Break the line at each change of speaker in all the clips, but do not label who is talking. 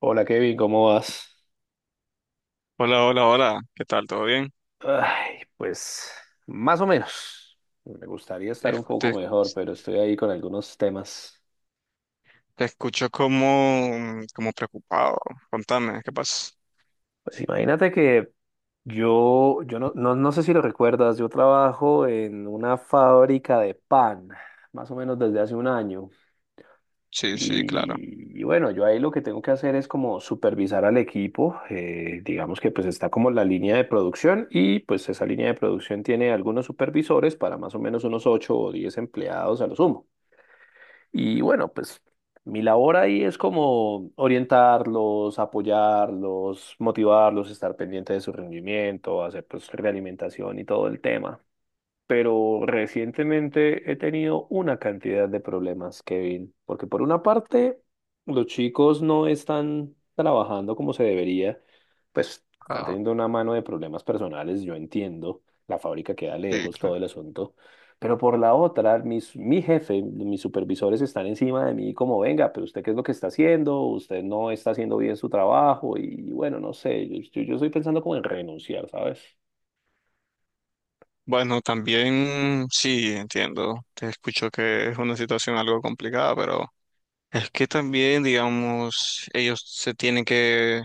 Hola Kevin, ¿cómo vas?
Hola, hola, hola. ¿Qué tal? ¿Todo bien?
Ay, pues más o menos. Me gustaría estar
Es-
un poco
Te,
mejor, pero estoy ahí con algunos temas.
te escucho como preocupado. Contame, ¿qué pasa?
Pues imagínate que yo no sé si lo recuerdas, yo trabajo en una fábrica de pan, más o menos desde hace un año.
Sí, sí, claro.
Y bueno, yo ahí lo que tengo que hacer es como supervisar al equipo, digamos que pues está como la línea de producción y pues esa línea de producción tiene algunos supervisores para más o menos unos 8 o 10 empleados a lo sumo. Y bueno, pues mi labor ahí es como orientarlos, apoyarlos, motivarlos, estar pendiente de su rendimiento, hacer pues realimentación y todo el tema, pero recientemente he tenido una cantidad de problemas, Kevin, porque por una parte, los chicos no están trabajando como se debería, pues están
Ah,
teniendo una mano de problemas personales, yo entiendo, la fábrica queda
sí,
lejos, todo
claro.
el asunto, pero por la otra, mi jefe, mis supervisores están encima de mí como, venga, pero usted qué es lo que está haciendo, usted no está haciendo bien su trabajo y bueno, no sé, yo estoy pensando como en renunciar, ¿sabes?
Bueno, también sí, entiendo. Te escucho que es una situación algo complicada, pero es que también, digamos, ellos se tienen que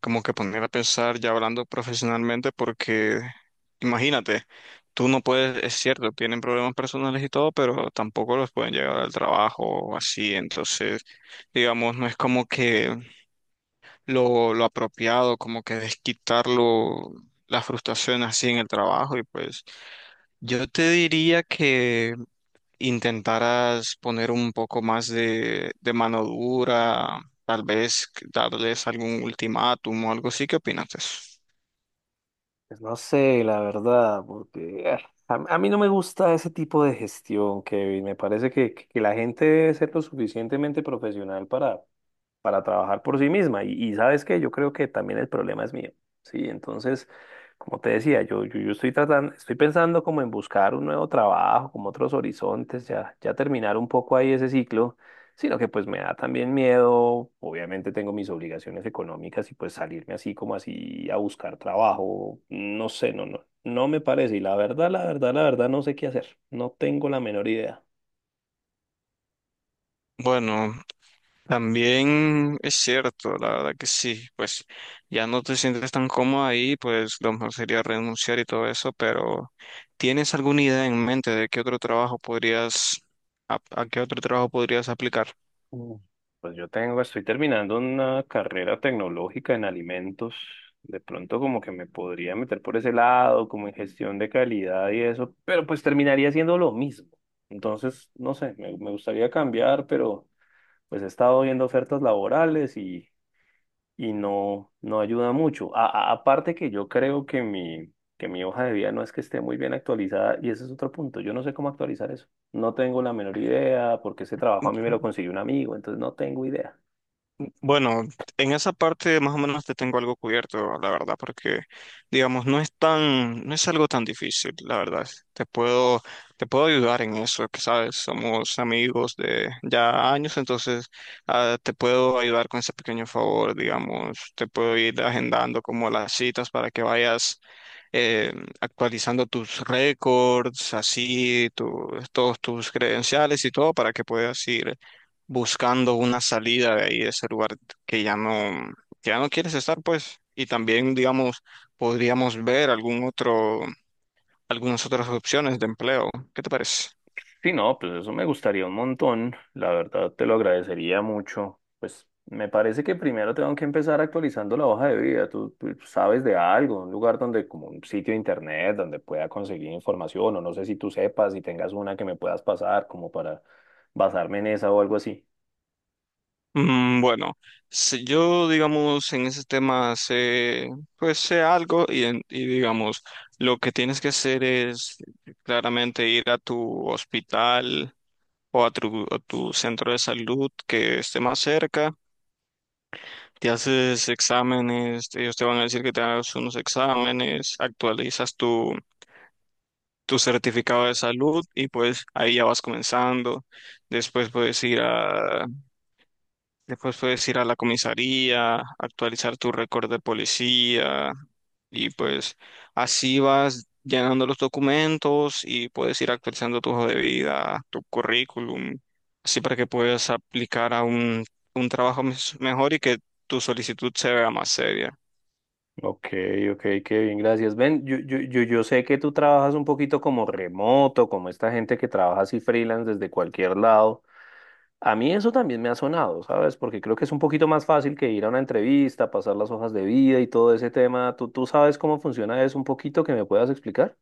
como que poner a pensar ya hablando profesionalmente porque imagínate, tú no puedes, es cierto, tienen problemas personales y todo, pero tampoco los pueden llegar al trabajo o así. Entonces, digamos, no es como que lo apropiado, como que desquitarlo, la frustración así en el trabajo. Y pues yo te diría que intentaras poner un poco más de mano dura, tal vez darles algún ultimátum o algo así. ¿Qué opinas de eso?
Pues no sé, la verdad, porque a mí no me gusta ese tipo de gestión, Kevin. Me parece que la gente debe ser lo suficientemente profesional para trabajar por sí misma. Y sabes qué, yo creo que también el problema es mío. Sí, entonces, como te decía, yo estoy tratando, estoy pensando como en buscar un nuevo trabajo, como otros horizontes, ya terminar un poco ahí ese ciclo, sino que pues me da también miedo, obviamente tengo mis obligaciones económicas y pues salirme así como así a buscar trabajo, no sé, no me parece. Y la verdad, la verdad, la verdad, no sé qué hacer, no tengo la menor idea.
Bueno, también es cierto, la verdad que sí, pues ya no te sientes tan cómoda ahí, pues lo mejor sería renunciar y todo eso, pero ¿tienes alguna idea en mente de qué otro trabajo podrías, a qué otro trabajo podrías aplicar?
Mm, Pues yo tengo, estoy terminando una carrera tecnológica en alimentos. De pronto como que me podría meter por ese lado, como en gestión de calidad y eso, pero pues terminaría siendo lo mismo. Entonces, no sé, me gustaría cambiar, pero pues he estado viendo ofertas laborales y no ayuda mucho. Aparte que yo creo que que mi hoja de vida no es que esté muy bien actualizada y ese es otro punto. Yo no sé cómo actualizar eso. No tengo la menor idea porque ese trabajo a mí me lo consiguió un amigo, entonces no tengo idea.
Bueno, en esa parte más o menos te tengo algo cubierto, la verdad, porque digamos, no es tan, no es algo tan difícil, la verdad. Te puedo ayudar en eso, que sabes, somos amigos de ya años. Entonces te puedo ayudar con ese pequeño favor, digamos, te puedo ir agendando como las citas para que vayas eh, actualizando tus récords, así, todos tus credenciales y todo para que puedas ir buscando una salida de ahí, de ese lugar que ya no, que ya no quieres estar, pues. Y también, digamos, podríamos ver algún otro, algunas otras opciones de empleo. ¿Qué te parece?
Sí, no, pues eso me gustaría un montón. La verdad, te lo agradecería mucho. Pues me parece que primero tengo que empezar actualizando la hoja de vida. Tú sabes de algo, un lugar donde, como un sitio de internet, donde pueda conseguir información, o no sé si tú sepas, si tengas una que me puedas pasar, como para basarme en esa o algo así.
Bueno, si yo, digamos, en ese tema sé, pues sé algo. Digamos, lo que tienes que hacer es claramente ir a tu hospital a tu centro de salud que esté más cerca. Te haces exámenes, ellos te van a decir que te hagas unos exámenes, actualizas tu certificado de salud y pues ahí ya vas comenzando. Después puedes ir a, Después puedes ir a la comisaría, actualizar tu récord de policía. Y pues así vas llenando los documentos y puedes ir actualizando tu hoja de vida, tu currículum, así para que puedas aplicar a un trabajo mejor y que tu solicitud se vea más seria.
Ok, ok, qué bien, gracias. Ven, yo sé que tú trabajas un poquito como remoto, como esta gente que trabaja así freelance desde cualquier lado. A mí eso también me ha sonado, ¿sabes? Porque creo que es un poquito más fácil que ir a una entrevista, pasar las hojas de vida y todo ese tema. ¿Tú sabes cómo funciona eso un poquito que me puedas explicar?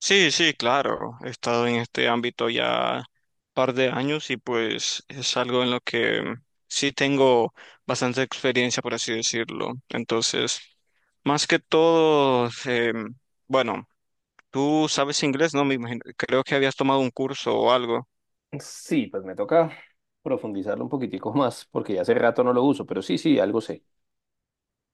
Sí, sí, claro. He estado en este ámbito ya par de años y pues es algo en lo que sí tengo bastante experiencia, por así decirlo. Entonces, más que todo, bueno, tú sabes inglés, ¿no? Me imagino, creo que habías tomado un curso o algo.
Sí, pues me toca profundizarlo un poquitico más, porque ya hace rato no lo uso, pero sí, sí, algo sé.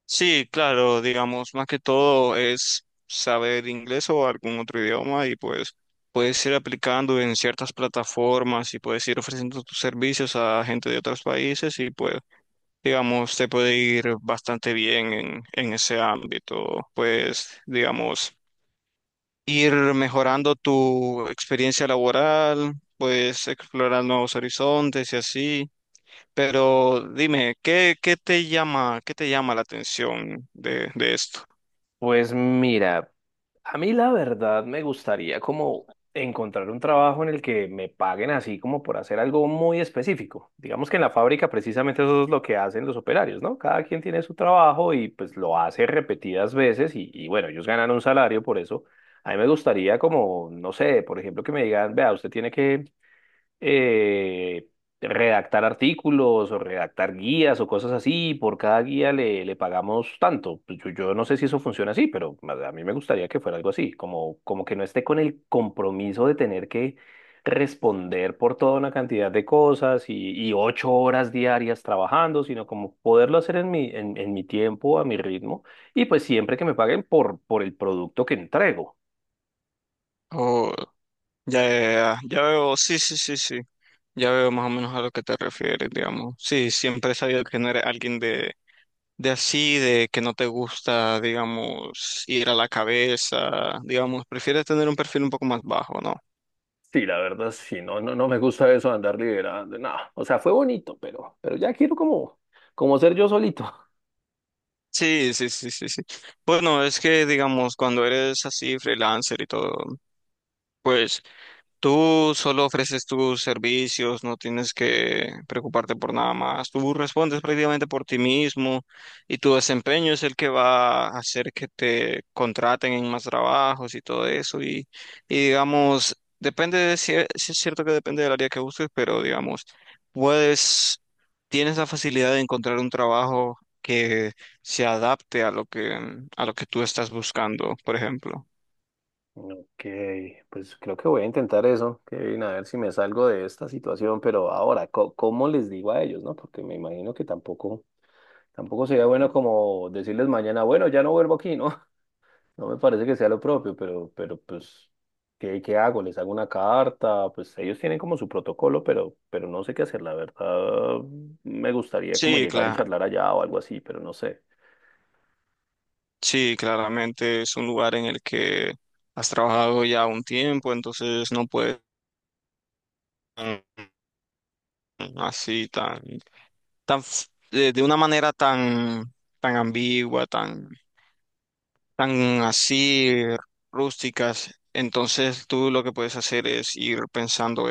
Sí, claro, digamos, más que todo es saber inglés o algún otro idioma y pues puedes ir aplicando en ciertas plataformas y puedes ir ofreciendo tus servicios a gente de otros países. Y pues, digamos, te puede ir bastante bien en ese ámbito. Pues, digamos, ir mejorando tu experiencia laboral, pues explorar nuevos horizontes y así. Pero dime, ¿ qué te llama la atención de esto?
Pues mira, a mí la verdad me gustaría como encontrar un trabajo en el que me paguen así como por hacer algo muy específico. Digamos que en la fábrica precisamente eso es lo que hacen los operarios, ¿no? Cada quien tiene su trabajo y pues lo hace repetidas veces y bueno, ellos ganan un salario por eso. A mí me gustaría como, no sé, por ejemplo, que me digan, vea, usted tiene que eh, redactar artículos o redactar guías o cosas así, y por cada guía le pagamos tanto. Pues yo no sé si eso funciona así, pero a mí me gustaría que fuera algo así, como que no esté con el compromiso de tener que responder por toda una cantidad de cosas y 8 horas diarias trabajando, sino como poderlo hacer en mi tiempo, a mi ritmo, y pues siempre que me paguen por el producto que entrego.
Oh, ya veo, sí, sí, sí, sí, ya veo más o menos a lo que te refieres, digamos. Sí, siempre he sabido que no eres alguien de así, de que no te gusta, digamos, ir a la cabeza. Digamos, prefieres tener un perfil un poco más bajo, ¿no?
Sí, la verdad, sí, no, no me gusta eso de andar liderando. No, o sea, fue bonito, pero ya quiero como ser yo solito.
Sí, sí, sí, sí, sí. Bueno, es que, digamos, cuando eres así, freelancer y todo, pues tú solo ofreces tus servicios, no tienes que preocuparte por nada más. Tú respondes prácticamente por ti mismo y tu desempeño es el que va a hacer que te contraten en más trabajos y todo eso. Y digamos, depende de si, sí es cierto que depende del área que busques, pero digamos, puedes, tienes la facilidad de encontrar un trabajo que se adapte a a lo que tú estás buscando, por ejemplo.
Ok, pues creo que voy a intentar eso, Kevin, a ver si me salgo de esta situación, pero ahora, ¿cómo les digo a ellos, no? Porque me imagino que tampoco sería bueno como decirles mañana, bueno, ya no vuelvo aquí, ¿no? No me parece que sea lo propio, pero pues, ¿qué hago? ¿Les hago una carta? Pues ellos tienen como su protocolo, pero no sé qué hacer. La verdad, me gustaría como
Sí,
llegar y
claro.
charlar allá o algo así, pero no sé.
Sí, claramente es un lugar en el que has trabajado ya un tiempo, entonces no puedes tan- así tan, tan f- de una manera tan, tan ambigua, tan, tan así rústicas. Entonces tú lo que puedes hacer es ir pensando,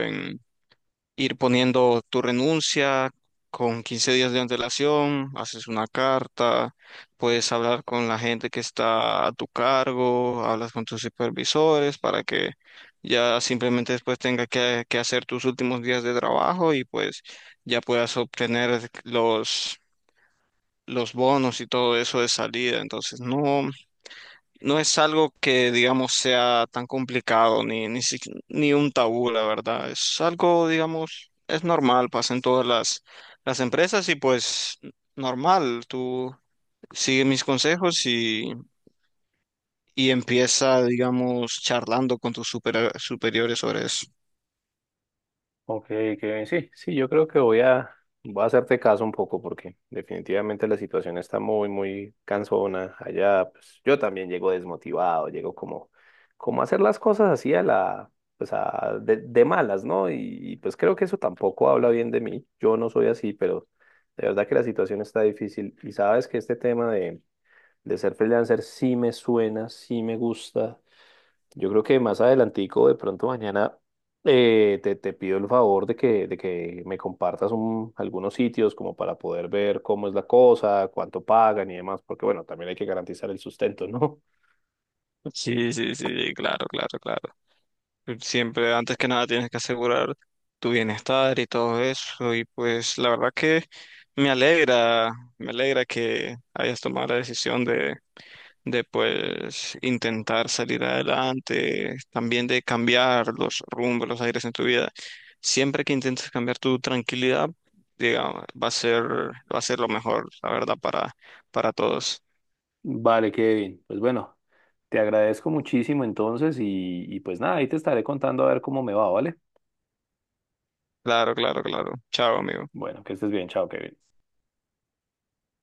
ir poniendo tu renuncia con 15 días de antelación, haces una carta, puedes hablar con la gente que está a tu cargo, hablas con tus supervisores para que ya simplemente después tenga que hacer tus últimos días de trabajo y pues ya puedas obtener los bonos y todo eso de salida. Entonces, no. No es algo que, digamos, sea tan complicado ni un tabú, la verdad. Es algo, digamos, es normal, pasa en las empresas y pues normal. Tú sigue mis consejos y empieza, digamos, charlando con tus superiores sobre eso.
Ok, Kevin, sí, sí, yo creo que voy a hacerte caso un poco porque definitivamente la situación está muy, muy cansona allá. Pues yo también llego desmotivado, llego como, como a hacer las cosas así a la, pues a, de malas, ¿no? Y pues creo que eso tampoco habla bien de mí. Yo no soy así, pero de verdad que la situación está difícil. Y sabes que este tema de ser freelancer sí me suena, sí me gusta. Yo creo que más adelantico, de pronto mañana, te pido el favor de que me compartas algunos sitios como para poder ver cómo es la cosa, cuánto pagan y demás, porque bueno, también hay que garantizar el sustento, ¿no?
Sí, sí, sí, claro, claro, claro. Siempre, antes que nada, tienes que asegurar tu bienestar y todo eso. Y pues la verdad que me alegra, me alegra que hayas tomado la decisión de pues intentar salir adelante, también de cambiar los rumbos, los aires en tu vida. Siempre que intentes cambiar tu tranquilidad, digamos, va a ser lo mejor, la verdad, para todos.
Vale, Kevin. Pues bueno, te agradezco muchísimo entonces y pues nada, ahí te estaré contando a ver cómo me va, ¿vale?
Claro, claro, claro. Chao, amigo.
Bueno, que estés bien, chao, Kevin.